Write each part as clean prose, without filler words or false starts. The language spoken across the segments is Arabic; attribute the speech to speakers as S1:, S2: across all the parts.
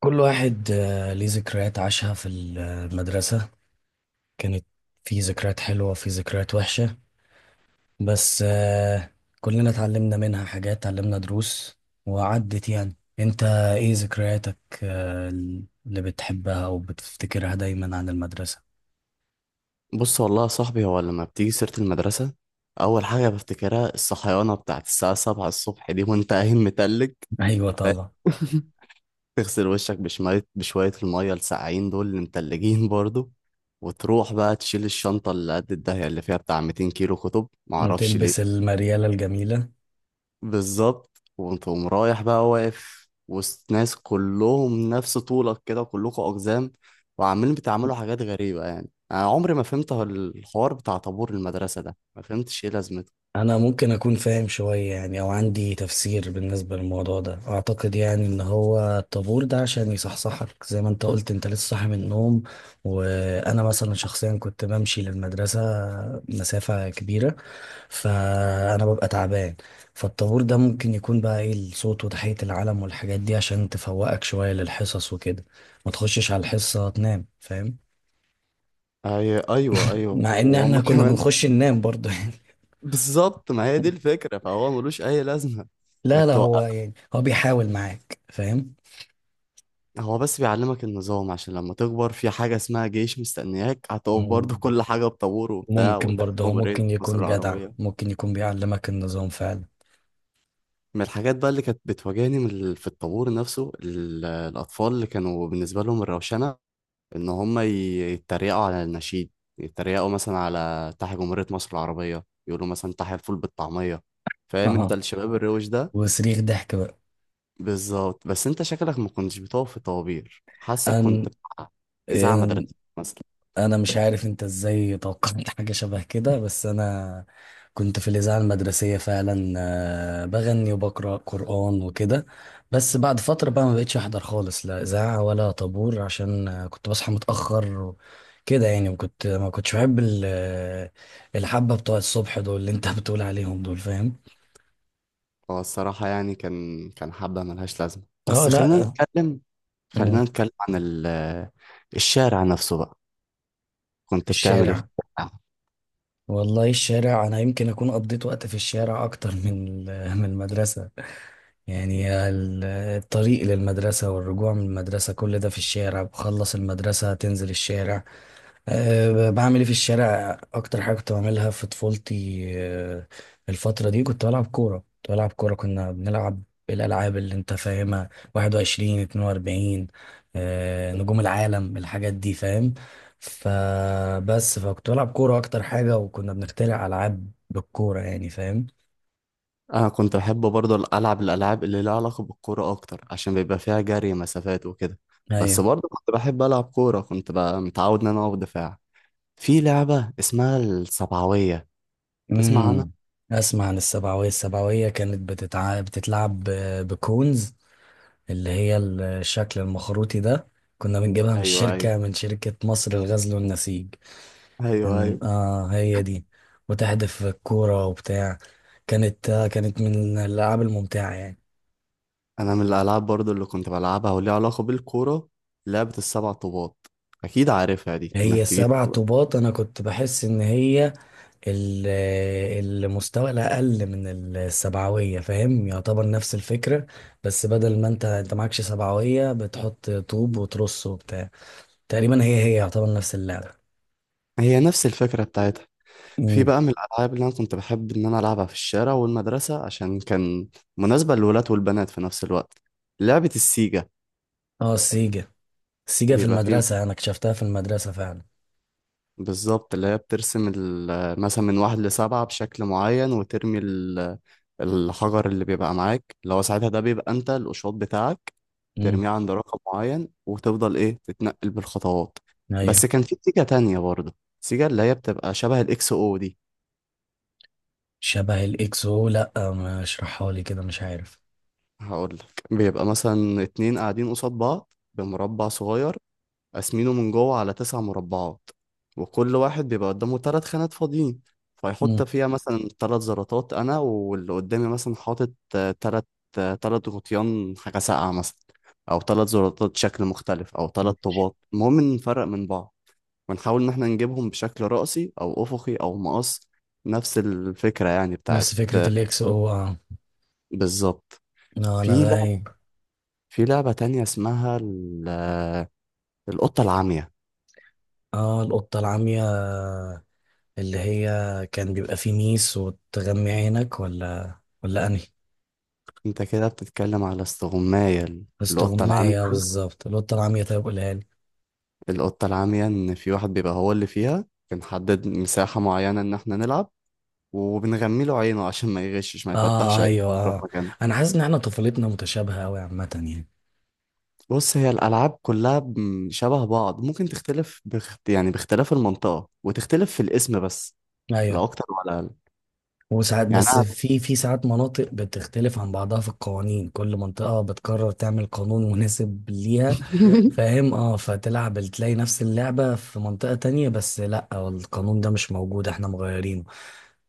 S1: كل واحد ليه ذكريات عاشها في المدرسة كانت. في ذكريات حلوة وفي ذكريات وحشة. بس كلنا اتعلمنا منها حاجات، اتعلمنا دروس. وعدت يعني انت ايه ذكرياتك اللي بتحبها وبتفتكرها دايما عن المدرسة؟
S2: بص والله يا صاحبي، هو لما بتيجي سيرة المدرسة أول حاجة بفتكرها الصحيانة بتاعت الساعة سبعة الصبح دي وأنت قايم متلج.
S1: ايوه طبعا.
S2: تغسل وشك بشوية بشوية المية الساقعين دول اللي متلجين برضو، وتروح بقى تشيل الشنطة اللي قد الدهية اللي فيها بتاع 200 كيلو كتب، معرفش
S1: وتلبس
S2: ليه.
S1: المريالة الجميلة.
S2: بالظبط، وتقوم رايح بقى واقف وسط ناس كلهم نفس طولك كده، كلكم أقزام وعمالين بتعملوا حاجات غريبة. يعني أنا عمري ما فهمت الحوار بتاع طابور المدرسة ده، ما فهمتش إيه لازمته.
S1: انا ممكن اكون فاهم شوية يعني او عندي تفسير بالنسبة للموضوع ده. اعتقد يعني ان هو الطابور ده عشان يصحصحك زي ما انت قلت، انت لسه صاحي من النوم. وانا مثلا شخصيا كنت بمشي للمدرسة مسافة كبيرة، فانا ببقى تعبان. فالطابور ده ممكن يكون بقى ايه، الصوت وتحية العلم والحاجات دي عشان تفوقك شوية للحصص وكده، ما تخشش على الحصة تنام، فاهم؟
S2: أيوه، أيوه،
S1: مع ان احنا
S2: وهما
S1: كنا
S2: كمان.
S1: بنخش ننام برضه يعني.
S2: بالظبط، ما هي دي الفكرة، فهو ملوش أي لازمة
S1: لا
S2: إنك
S1: لا هو
S2: توقف.
S1: يعني هو بيحاول معاك، فاهم؟
S2: هو بس بيعلمك النظام عشان لما تكبر في حاجة اسمها جيش مستنياك، هتقف برضه
S1: مم.
S2: كل حاجة بطابور وبتاع
S1: ممكن برضه، هو
S2: وتحكم رئيس
S1: ممكن
S2: مصر
S1: يكون جدع،
S2: العربية.
S1: ممكن يكون بيعلمك النظام فعلا.
S2: من الحاجات بقى اللي كانت بتواجهني من في الطابور نفسه، الأطفال اللي كانوا بالنسبة لهم الروشنة إن هم يتريقوا على النشيد، يتريقوا مثلا على تحيا جمهورية مصر العربية، يقولوا مثلا تحيا الفول بالطعمية. فاهم انت
S1: اها.
S2: الشباب الروش ده.
S1: وصريخ ضحك بقى.
S2: بالظبط، بس انت شكلك ما كنتش بتقف في طوابير، حاسك كنت
S1: أن...
S2: بتاع إذاعة
S1: أن...
S2: مدرسية مثلا.
S1: انا مش عارف انت ازاي توقعت حاجة شبه كده، بس انا كنت في الإذاعة المدرسية فعلا. بغني وبقرأ قرآن وكده. بس بعد فترة بقى ما بقتش أحضر خالص، لا إذاعة ولا طابور، عشان كنت بصحى متأخر كده يعني. وكنت ما كنتش بحب الحبة بتوع الصبح دول اللي انت بتقول عليهم دول، فاهم؟
S2: هو الصراحة يعني كان حبة ملهاش لازمة،
S1: اه
S2: بس خلينا
S1: لا.
S2: نتكلم،
S1: مم.
S2: خلينا نتكلم عن الشارع نفسه بقى. كنت بتعمل ايه في
S1: الشارع.
S2: الشارع؟
S1: والله الشارع انا يمكن اكون قضيت وقت في الشارع اكتر من من المدرسه. يعني الطريق للمدرسه والرجوع من المدرسه كل ده في الشارع. بخلص المدرسه تنزل الشارع. أه بعمل ايه في الشارع؟ اكتر حاجه كنت بعملها في طفولتي أه الفتره دي كنت بلعب كوره. كنا بنلعب الالعاب اللي انت فاهمها، 21 42، أه نجوم العالم، الحاجات دي فاهم؟ فبس فكنت بلعب كوره اكتر حاجه، وكنا بنخترع العاب بالكوره يعني، فاهم؟
S2: انا كنت بحب برضه العب الالعاب اللي لها علاقه بالكوره اكتر، عشان بيبقى فيها جري مسافات وكده. بس
S1: ايوه.
S2: برضه كنت بحب العب كوره، كنت بقى متعود ان انا اقف دفاع في لعبه اسمها السبعويه. تسمع عنها؟
S1: امم. اسمع عن السبعويه. السبعويه كانت بتتلعب بكونز، اللي هي الشكل المخروطي ده. كنا بنجيبها من
S2: ايوه، ايوه،
S1: الشركة، من شركة مصر للغزل والنسيج.
S2: ايوه،
S1: إن
S2: ايوه.
S1: آه هي دي. وتحدف الكورة وبتاع. كانت آه، كانت من الألعاب الممتعة يعني.
S2: انا من الالعاب برضه اللي كنت بلعبها وليها علاقه بالكوره لعبه السبع طوبات، اكيد عارفها دي، انك
S1: هي
S2: تجيب
S1: سبع
S2: طبعا.
S1: طوبات، أنا كنت بحس إن هي ال- المستوى الأقل من السبعوية، فاهم؟ يعتبر نفس الفكرة، بس بدل ما أنت معكش سبعوية بتحط طوب وترص وبتاع. تقريبا هي هي، يعتبر نفس اللعبة.
S2: هي نفس الفكره بتاعتها. في
S1: مم.
S2: بقى من الألعاب اللي أنا كنت بحب إن أنا ألعبها في الشارع والمدرسة، عشان كان مناسبة للولاد والبنات في نفس الوقت، لعبة السيجا.
S1: اه السيجا. سيجا في
S2: بيبقى فيه
S1: المدرسة أنا اكتشفتها في المدرسة فعلا.
S2: بالظبط اللي هي بترسم مثلا من واحد لسبعة بشكل معين، وترمي الحجر اللي بيبقى معاك، اللي هو ساعتها ده بيبقى أنت القشاط بتاعك.
S1: امم.
S2: ترميه عند رقم معين وتفضل إيه تتنقل بالخطوات. بس
S1: أيوة.
S2: كان في سيجا تانية برضه، سيجا اللي هي بتبقى شبه الإكس أو دي.
S1: شبه الإكس أو؟ لأ، ما اشرحها لي كده، مش عارف.
S2: هقول لك، بيبقى مثلا اتنين قاعدين قصاد بعض بمربع صغير، قاسمينه من جوه على تسع مربعات، وكل واحد بيبقى قدامه تلات خانات فاضيين، فيحط
S1: امم.
S2: فيها مثلا تلات زراطات. انا واللي قدامي مثلا حاطط تلات، تلات غطيان حاجة ساقعة مثلا، او تلات زراطات شكل مختلف، او تلات طوبات، المهم إن نفرق من بعض ونحاول ان احنا نجيبهم بشكل رأسي او افقي او مقص. نفس الفكرة يعني بتاعت،
S1: نفس فكرة الإكس أو آه.
S2: بالظبط.
S1: آه، أنا
S2: في لعبة
S1: غايب.
S2: في لعبة تانية اسمها القطة العمية.
S1: آه القطة العمية، اللي هي كان بيبقى فيه ميس وتغمي عينك، ولا ولا أنهي؟
S2: انت كده بتتكلم على استغماية القطة العمية.
S1: استغماية، بالظبط. القطة العمية، طيب قولها لي.
S2: القطة العمية ان في واحد بيبقى هو اللي فيها، بنحدد مساحة معينة ان احنا نلعب، وبنغمي له عينه عشان ما يغشش، ما يفتحش
S1: آه
S2: عينه
S1: أيوة
S2: في
S1: آه.
S2: مكان.
S1: أنا حاسس إن إحنا طفولتنا متشابهة أوي عامة يعني.
S2: بص، هي الألعاب كلها شبه بعض، ممكن تختلف يعني باختلاف المنطقة، وتختلف في الاسم بس، لا
S1: أيوة.
S2: أكتر ولا أقل.
S1: وساعات،
S2: يعني
S1: بس
S2: أنا
S1: في ساعات مناطق بتختلف عن بعضها في القوانين، كل منطقة بتقرر تعمل قانون مناسب ليها، فاهم؟ اه، فتلعب تلاقي نفس اللعبة في منطقة تانية، بس لا، القانون ده مش موجود، احنا مغيرينه.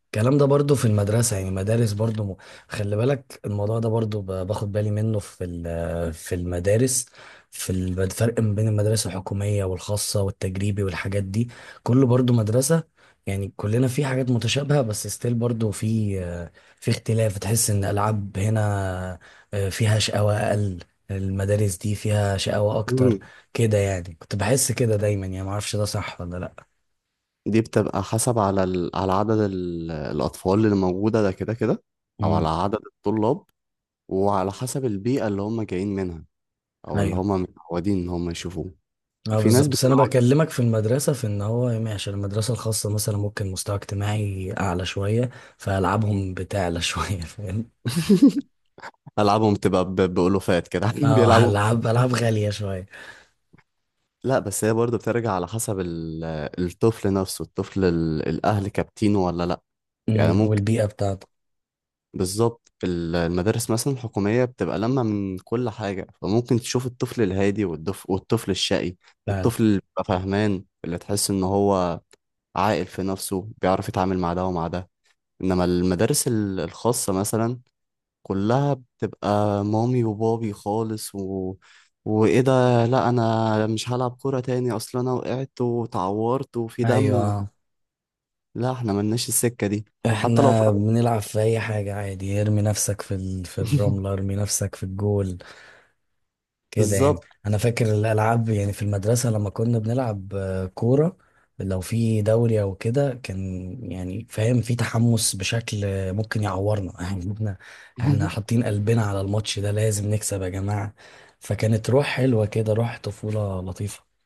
S1: الكلام ده برضو في المدرسة يعني، مدارس برضو خلي بالك الموضوع ده برضو باخد بالي منه في المدارس. في الفرق ما بين المدرسة الحكومية والخاصة والتجريبي والحاجات دي، كله برضو مدرسة. يعني كلنا في حاجات متشابهة، بس ستيل برضو في في اختلاف. تحس ان الألعاب هنا فيها شقاوة أقل، المدارس دي فيها شقاوة أكتر، كده يعني. كنت بحس كده دايما يعني، معرفش ده صح ولا لأ.
S2: دي بتبقى حسب على... ال... على عدد... ال... الأطفال اللي موجودة ده كده كده، أو
S1: مم.
S2: على عدد الطلاب، وعلى حسب البيئة اللي هم جايين منها، أو اللي
S1: أيوة.
S2: هم متعودين إن هم يشوفوه.
S1: اه
S2: في ناس
S1: بالظبط. بس
S2: بتبقى
S1: انا بكلمك في المدرسه، في ان هو يعني عشان المدرسه الخاصه مثلا ممكن مستوى اجتماعي اعلى شويه، فالعابهم بتعلى شويه، فاهم؟
S2: ألعابهم بتبقى ب... بألوفات كده، قاعدين
S1: اه
S2: بيلعبوا.
S1: العاب، العاب غاليه شويه.
S2: لا، بس هي برضه بترجع على حسب... ال... الطفل نفسه، الطفل... ال... الأهل كابتينه ولا لأ. يعني
S1: امم،
S2: ممكن،
S1: والبيئه بتاعته.
S2: بالظبط، المدارس مثلا الحكومية بتبقى لما من كل حاجة، فممكن تشوف الطفل الهادي والطفل الشقي،
S1: فعلا.
S2: الطفل اللي بيبقى فاهمان، اللي تحس إن هو عاقل في نفسه، بيعرف يتعامل مع ده ومع ده. إنما المدارس الخاصة مثلا كلها بتبقى مامي وبابي خالص، و... وإيه ده، لأ أنا مش هلعب كورة تاني، أصل أنا وقعت وتعورت وفي دم. و...
S1: ايوه.
S2: لا، إحنا ملناش السكة دي، حتى لو
S1: احنا
S2: طلعت
S1: بنلعب في اي حاجه عادي، ارمي نفسك في الرمله، ارمي نفسك في الجول، كده يعني.
S2: بالظبط.
S1: انا فاكر الالعاب يعني في المدرسه، لما كنا بنلعب كوره، لو في دوري او كده، كان يعني فاهم في تحمس بشكل ممكن يعورنا يعني. احنا احنا حاطين قلبنا على الماتش ده، لازم نكسب يا جماعه. فكانت روح حلوه كده، روح طفوله لطيفه.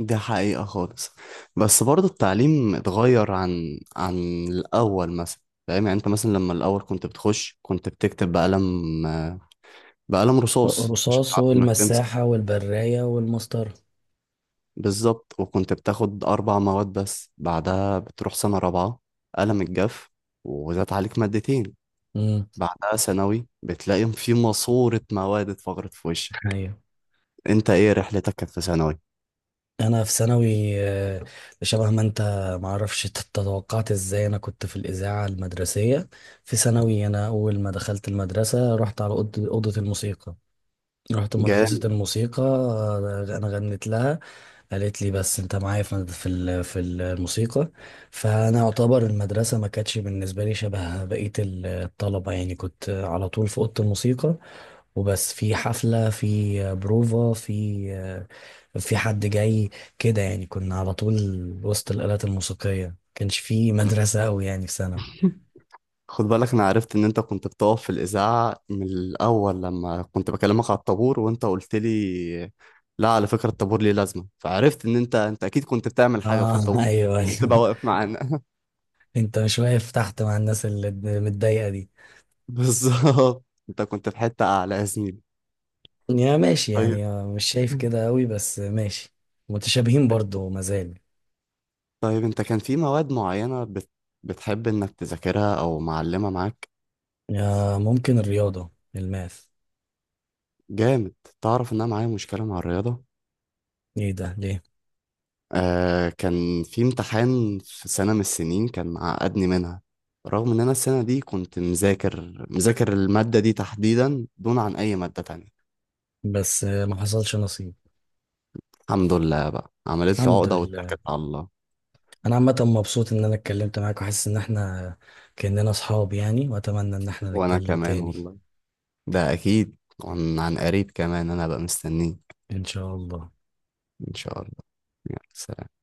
S2: دي حقيقة خالص. بس برضو التعليم اتغير عن الأول مثلا. فاهم يعني أنت مثلا لما الأول كنت بتخش، كنت بتكتب بقلم، بقلم رصاص عشان
S1: الرصاص
S2: تعرف إنك تمسح.
S1: والمساحه والبرايه والمسطره.
S2: بالظبط، وكنت بتاخد أربع مواد بس. بعدها بتروح سنة رابعة، قلم الجاف، وزاد عليك مادتين.
S1: امم.
S2: بعدها ثانوي بتلاقي في ماسورة مواد اتفجرت في وشك.
S1: ايوه.
S2: أنت إيه رحلتك كانت في ثانوي؟
S1: انا في ثانوي شبه ما انت، معرفش تتوقعت ازاي. انا كنت في الاذاعه المدرسيه في ثانوي. انا اول ما دخلت المدرسه رحت على اوضه، أوضة الموسيقى، رحت مدرسه
S2: جامد.
S1: الموسيقى. انا غنيت لها، قالت لي بس انت معايا في في الموسيقى. فانا اعتبر المدرسه ما كانتش بالنسبه لي شبه بقيه الطلبه، يعني كنت على طول في اوضه الموسيقى. وبس في حفلة، في بروفا، في في حد جاي، كده يعني. كنا على طول وسط الآلات الموسيقية، كانش في مدرسة أوي يعني في سنة.
S2: خد بالك، انا عرفت ان انت كنت بتقف في الاذاعه من الاول لما كنت بكلمك على الطابور، وانت قلت لي لا على فكره الطابور ليه لازمه، فعرفت ان انت اكيد كنت بتعمل حاجه في
S1: اه
S2: الطابور،
S1: ايوه
S2: مش بتبقى
S1: ايوه
S2: واقف معانا.
S1: انت مش واقف تحت مع الناس اللي متضايقة دي.
S2: بالظبط، انت كنت في حته اعلى يا زميلي.
S1: يا ماشي
S2: طيب،
S1: يعني، مش شايف كده أوي، بس ماشي. متشابهين برضو مازال.
S2: طيب، انت كان في مواد معينه بتحب انك تذاكرها، او معلمه معاك؟
S1: ممكن الرياضة، الماث.
S2: جامد. تعرف ان انا معايا مشكله مع الرياضه.
S1: ايه ده ليه؟
S2: آه، كان في امتحان في سنة من السنين كان عقدني منها، رغم ان انا السنة دي كنت مذاكر، مذاكر المادة دي تحديدا دون عن اي مادة تانية.
S1: بس ما حصلش نصيب.
S2: الحمد لله بقى، عملت لي
S1: الحمد
S2: عقدة
S1: لله.
S2: واتكلت على الله.
S1: انا عامه مبسوط ان انا اتكلمت معاك، وحاسس ان احنا كاننا اصحاب يعني، واتمنى ان احنا
S2: وانا
S1: نتكلم
S2: كمان
S1: تاني.
S2: والله، ده اكيد. عن قريب كمان انا بقى مستنيك.
S1: ان شاء الله.
S2: ان شاء الله. يلا سلام.